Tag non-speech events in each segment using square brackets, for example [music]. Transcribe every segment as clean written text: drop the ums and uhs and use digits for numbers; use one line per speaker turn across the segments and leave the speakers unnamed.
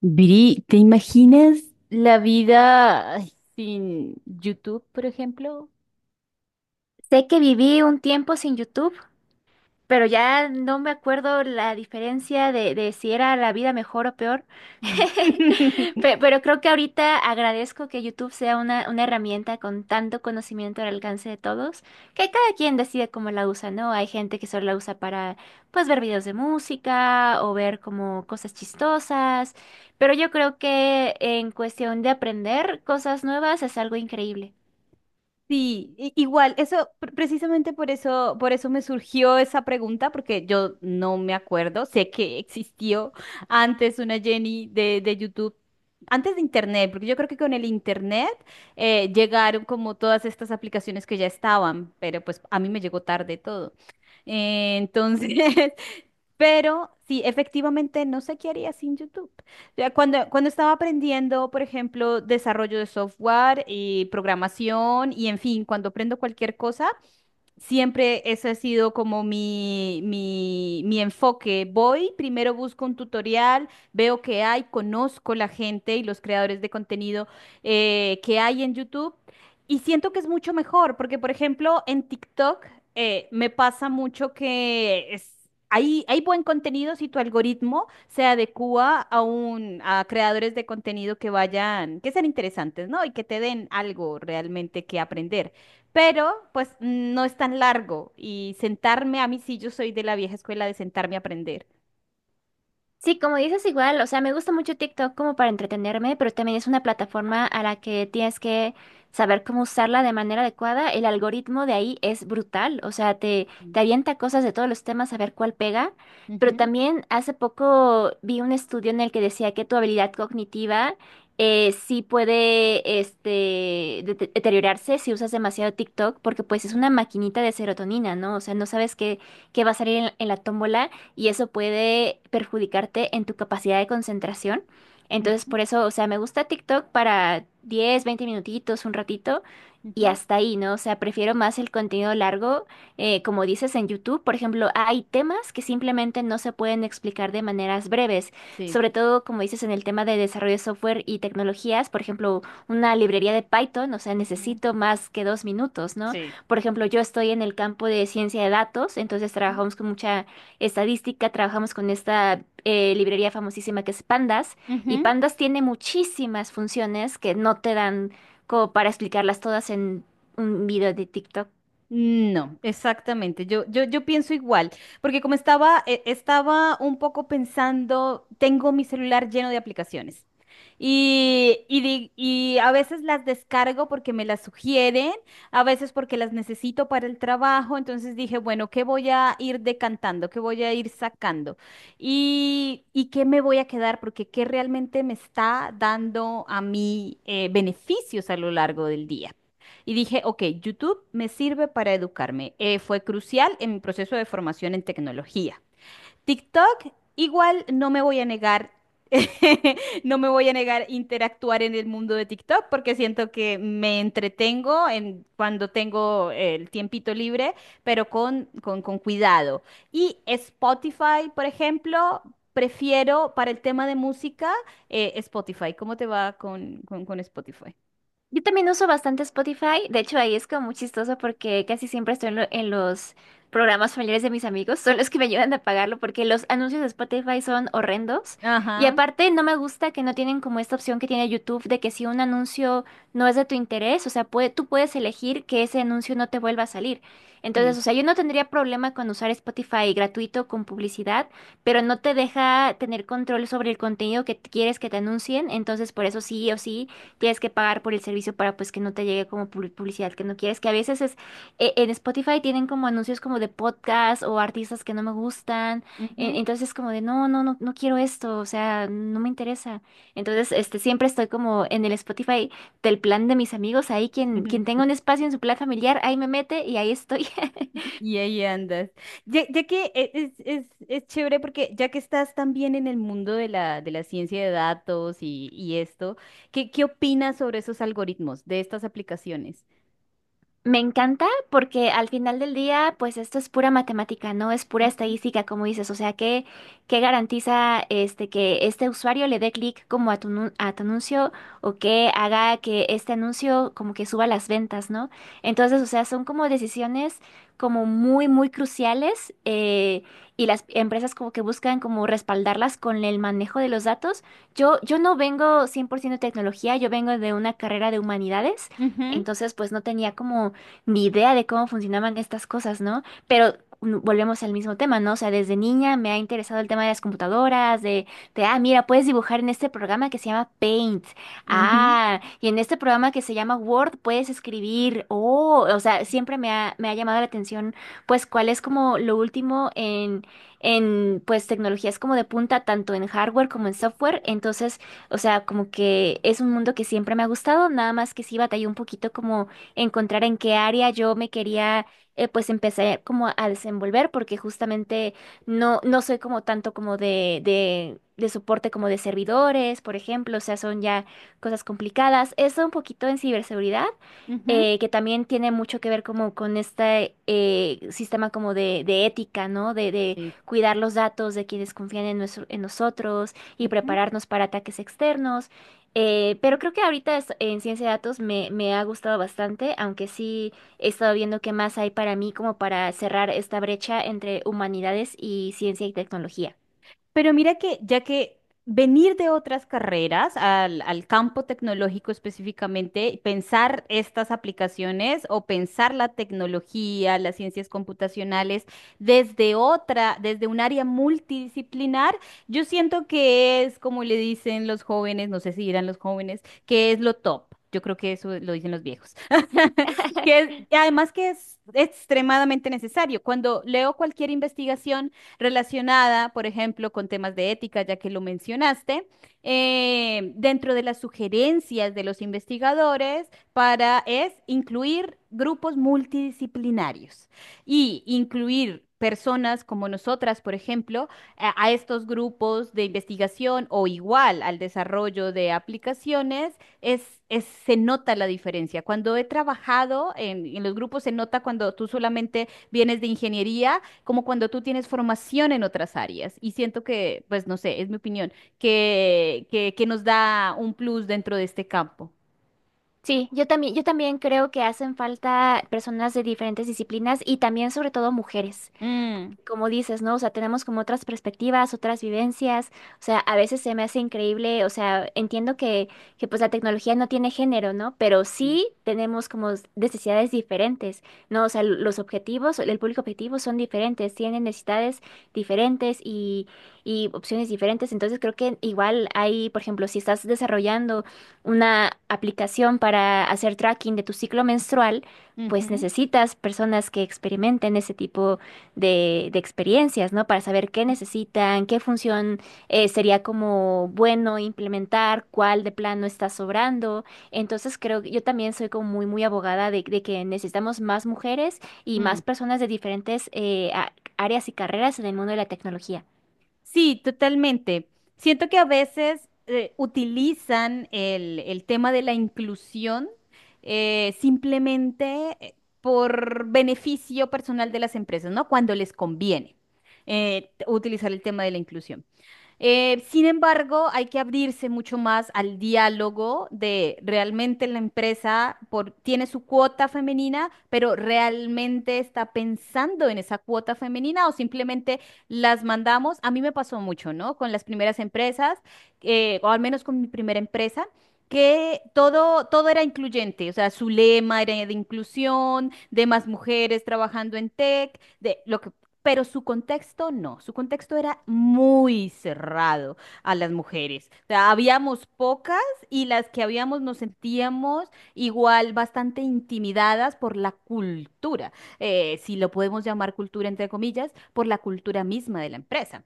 Viri, ¿te imaginas la vida sin YouTube, por ejemplo?
Sé que viví un tiempo sin YouTube, pero ya no me acuerdo la diferencia de si era la vida mejor o peor.
Mm.
[laughs]
[laughs]
Pero creo que ahorita agradezco que YouTube sea una herramienta con tanto conocimiento al alcance de todos, que cada quien decide cómo la usa, ¿no? Hay gente que solo la usa para, pues, ver videos de música o ver como cosas chistosas, pero yo creo que en cuestión de aprender cosas nuevas es algo increíble.
Sí, igual, eso, precisamente por eso me surgió esa pregunta, porque yo no me acuerdo, sé que existió antes una Jenny de, YouTube, antes de Internet, porque yo creo que con el Internet llegaron como todas estas aplicaciones que ya estaban, pero pues a mí me llegó tarde todo. Eh, Entonces, [laughs] Pero sí, efectivamente, no sé qué haría sin YouTube. Ya cuando estaba aprendiendo, por ejemplo, desarrollo de software y programación y, en fin, cuando aprendo cualquier cosa, siempre ese ha sido como mi enfoque. Voy, primero busco un tutorial, veo qué hay, conozco la gente y los creadores de contenido que hay en YouTube y siento que es mucho mejor porque, por ejemplo, en TikTok me pasa mucho hay, buen contenido si tu algoritmo se adecua a, a creadores de contenido que vayan, que sean interesantes, ¿no? Y que te den algo realmente que aprender, pero pues no es tan largo, y sentarme a mí sí, yo soy de la vieja escuela de sentarme a aprender.
Sí, como dices igual, o sea, me gusta mucho TikTok como para entretenerme, pero también es una plataforma a la que tienes que saber cómo usarla de manera adecuada. El algoritmo de ahí es brutal, o sea, te,
Mm.
te avienta cosas de todos los temas a ver cuál pega, pero
Ujú,
también hace poco vi un estudio en el que decía que tu habilidad cognitiva sí puede este, deteriorarse si usas demasiado TikTok, porque pues es
ujú,
una maquinita de serotonina, ¿no? O sea, no sabes qué, qué va a salir en la tómbola y eso puede perjudicarte en tu capacidad de concentración. Entonces,
ujú,
por eso, o sea, me gusta TikTok para 10 20 minutitos, un ratito y
ujú,
hasta ahí, ¿no? O sea, prefiero más el contenido largo, como dices en YouTube, por ejemplo, hay temas que simplemente no se pueden explicar de maneras breves,
sí.
sobre todo, como dices, en el tema de desarrollo de software y tecnologías, por ejemplo, una librería de Python, o sea,
Ujú.
necesito más que dos minutos, ¿no?
Sí.
Por ejemplo, yo estoy en el campo de ciencia de datos, entonces
Ujú.
trabajamos con mucha estadística, trabajamos con esta librería famosísima que es Pandas, y
Ujú.
Pandas tiene muchísimas funciones que no te dan como para explicarlas todas en un video de TikTok.
No, exactamente. Yo pienso igual, porque como estaba, estaba un poco pensando, tengo mi celular lleno de aplicaciones y a veces las descargo porque me las sugieren, a veces porque las necesito para el trabajo. Entonces dije, bueno, ¿qué voy a ir decantando? ¿Qué voy a ir sacando? ¿Y qué me voy a quedar? Porque ¿qué realmente me está dando a mí beneficios a lo largo del día? Y dije, ok, YouTube me sirve para educarme. Fue crucial en mi proceso de formación en tecnología. TikTok, igual no me voy a negar, [laughs] no me voy a negar interactuar en el mundo de TikTok porque siento que me entretengo en, cuando tengo el tiempito libre, pero con cuidado. Y Spotify, por ejemplo, prefiero para el tema de música, Spotify. ¿Cómo te va con Spotify?
Yo también uso bastante Spotify, de hecho ahí es como muy chistoso porque casi siempre estoy en, en los programas familiares de mis amigos, son los que me ayudan a pagarlo porque los anuncios de Spotify son horrendos y
Ajá,
aparte no me gusta que no tienen como esta opción que tiene YouTube de que si un anuncio no es de tu interés, o sea, tú puedes elegir que ese anuncio no te vuelva a salir.
sí.
Entonces, o sea, yo no tendría problema con usar Spotify gratuito con publicidad, pero no te deja tener control sobre el contenido que quieres que te anuncien, entonces por eso sí o sí tienes que pagar por el servicio para pues que no te llegue como publicidad que no quieres, que a veces es en Spotify tienen como anuncios como de podcast o artistas que no me gustan,
Ujú.
entonces es como de no, no, no, no quiero esto, o sea, no me interesa. Entonces, este, siempre estoy como en el Spotify del plan de mis amigos, ahí quien,
Ujú.
quien tenga un
[laughs]
espacio en su plan familiar, ahí me mete y ahí estoy. [laughs]
Y ahí andas. Ya que es chévere, porque ya que estás también en el mundo de de la ciencia de datos y esto, qué opinas sobre esos algoritmos de estas aplicaciones?
Me encanta porque al final del día, pues esto es pura matemática, no es pura
Ujú,
estadística, como dices. O sea, qué qué garantiza este que este usuario le dé clic como a tu, a tu anuncio o que haga que este anuncio como que suba las ventas, ¿no? Entonces, o sea, son como decisiones como muy, muy cruciales y las empresas como que buscan como respaldarlas con el manejo de los datos. Yo no vengo 100% de tecnología, yo vengo de una carrera de humanidades.
ujú,
Entonces, pues no tenía como ni idea de cómo funcionaban estas cosas, ¿no? Pero volvemos al mismo tema, ¿no? O sea, desde niña me ha interesado el tema de las computadoras, de, ah, mira, puedes dibujar en este programa que se llama Paint.
ujú,
Ah, y en este programa que se llama Word puedes escribir. Oh, o sea, siempre me ha llamado la atención, pues, cuál es como lo último en, pues, tecnologías como de punta, tanto en hardware como en software. Entonces, o sea, como que es un mundo que siempre me ha gustado, nada más que sí batallé un poquito como encontrar en qué área yo me quería pues empezar como a desenvolver porque justamente no, no soy como tanto como de soporte como de servidores, por ejemplo, o sea, son ya cosas complicadas. Eso un poquito en ciberseguridad
ujú,
que también tiene mucho que ver como con este sistema como de ética, ¿no? De
sí.
cuidar los datos de quienes confían en, en nosotros y
Ujú.
prepararnos para ataques externos. Pero creo que ahorita en ciencia de datos me, me ha gustado bastante, aunque sí he estado viendo qué más hay para mí como para cerrar esta brecha entre humanidades y ciencia y tecnología.
Pero mira, que ya que venir de otras carreras al, al campo tecnológico específicamente, pensar estas aplicaciones o pensar la tecnología, las ciencias computacionales desde otra, desde un área multidisciplinar, yo siento que es como le dicen los jóvenes, no sé si dirán los jóvenes, que es lo top. Yo creo que eso lo dicen los viejos. [laughs] Y además que es extremadamente necesario. Cuando leo cualquier investigación relacionada, por ejemplo, con temas de ética, ya que lo mencionaste, dentro de las sugerencias de los investigadores para es incluir grupos multidisciplinarios y incluir personas como nosotras, por ejemplo, a estos grupos de investigación o igual al desarrollo de aplicaciones, se nota la diferencia. Cuando he trabajado en los grupos, se nota cuando tú solamente vienes de ingeniería como cuando tú tienes formación en otras áreas. Y siento que, pues no sé, es mi opinión, que nos da un plus dentro de este campo.
Sí, yo también creo que hacen falta personas de diferentes disciplinas y también sobre todo mujeres.
Mm.
Como dices, ¿no? O sea, tenemos como otras perspectivas, otras vivencias. O sea, a veces se me hace increíble, o sea, entiendo que pues la tecnología no tiene género, ¿no? Pero sí tenemos como necesidades diferentes, ¿no? O sea, los objetivos, el público objetivo son diferentes, tienen necesidades diferentes y opciones diferentes. Entonces creo que igual hay, por ejemplo, si estás desarrollando una aplicación para hacer tracking de tu ciclo menstrual, pues
Ujú,
necesitas personas que experimenten ese tipo de experiencias, ¿no? Para saber qué necesitan, qué función sería como bueno implementar, cuál de plano está sobrando. Entonces creo que yo también soy como muy, muy abogada de que necesitamos más mujeres y más
ujú.
personas de diferentes áreas y carreras en el mundo de la tecnología.
Sí, totalmente. Siento que a veces utilizan el tema de la inclusión simplemente por beneficio personal de las empresas, ¿no? Cuando les conviene utilizar el tema de la inclusión. Sin embargo, hay que abrirse mucho más al diálogo de realmente la empresa tiene su cuota femenina, pero realmente está pensando en esa cuota femenina o simplemente las mandamos. A mí me pasó mucho, ¿no? Con las primeras empresas, o al menos con mi primera empresa, que todo era incluyente, o sea, su lema era de inclusión, de más mujeres trabajando en tech, de lo que, pero su contexto no, su contexto era muy cerrado a las mujeres. O sea, habíamos pocas y las que habíamos nos sentíamos igual bastante intimidadas por la cultura, si lo podemos llamar cultura entre comillas, por la cultura misma de la empresa.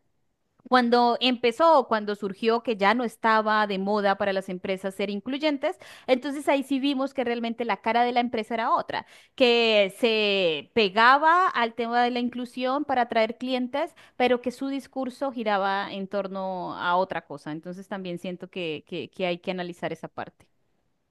Cuando empezó, o cuando surgió que ya no estaba de moda para las empresas ser incluyentes, entonces ahí sí vimos que realmente la cara de la empresa era otra, que se pegaba al tema de la inclusión para atraer clientes, pero que su discurso giraba en torno a otra cosa. Entonces también siento que hay que analizar esa parte.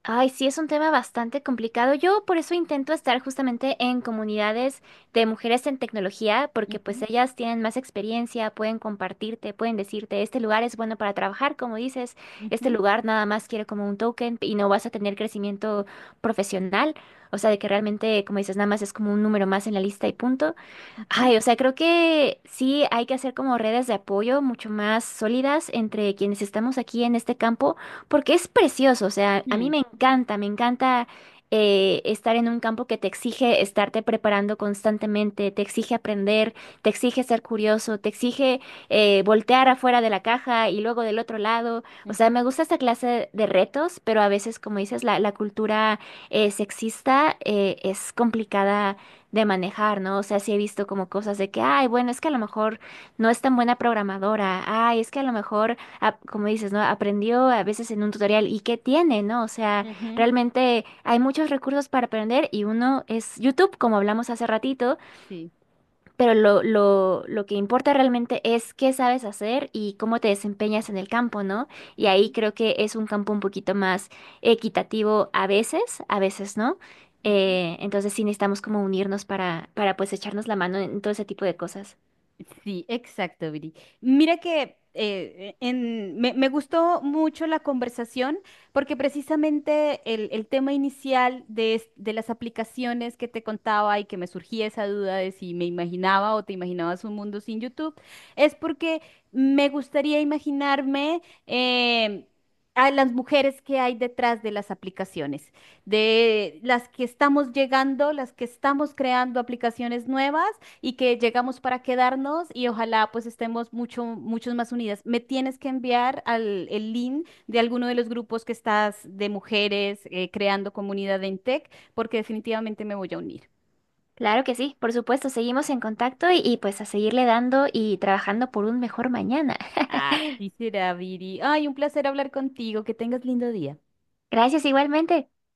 Ay, sí, es un tema bastante complicado. Yo por eso intento estar justamente en comunidades de mujeres en tecnología, porque pues
Ujú,
ellas tienen más experiencia, pueden compartirte, pueden decirte, este lugar es bueno para trabajar, como dices, este
ujú,
lugar nada más quiere como un token y no vas a tener crecimiento profesional, o sea, de que realmente, como dices, nada más es como un número más en la lista y punto.
ujú,
Ay, o sea, creo que sí hay que hacer como redes de apoyo mucho más sólidas entre quienes estamos aquí en este campo, porque es precioso, o sea, a mí
mm,
me encanta estar en un campo que te exige estarte preparando constantemente, te exige aprender, te exige ser curioso, te exige voltear afuera de la caja y luego del otro lado, o sea, me
ujú,
gusta esta clase de retos, pero a veces, como dices, la cultura sexista es complicada de manejar, ¿no? O sea, sí he visto como cosas de que, ay, bueno, es que a lo mejor no es tan buena programadora, ay, es que a lo mejor, ah, como dices, ¿no? Aprendió a veces en un tutorial y qué tiene, ¿no? O sea,
ujú,
realmente hay muchos recursos para aprender y uno es YouTube, como hablamos hace ratito,
sí.
pero lo que importa realmente es qué sabes hacer y cómo te desempeñas en el campo, ¿no? Y ahí
Ujú,
creo que es un campo un poquito más equitativo a veces no.
ujú.
Entonces sí necesitamos como unirnos para pues echarnos la mano en todo ese tipo de cosas.
Sí, exacto, Viri. Mira que me gustó mucho la conversación, porque precisamente el tema inicial de las aplicaciones que te contaba y que me surgía esa duda de si me imaginaba o te imaginabas un mundo sin YouTube, es porque me gustaría imaginarme em, a las mujeres que hay detrás de las aplicaciones, de las que estamos llegando, las que estamos creando aplicaciones nuevas y que llegamos para quedarnos, y ojalá pues estemos mucho, muchos más unidas. Me tienes que enviar al, el link de alguno de los grupos que estás de mujeres creando comunidad en Tech, porque definitivamente me voy a unir.
Claro que sí, por supuesto, seguimos en contacto y pues a seguirle dando y trabajando por un mejor mañana.
Así será, Viri. Ay, un placer hablar contigo. Que tengas lindo día.
[laughs] Gracias igualmente.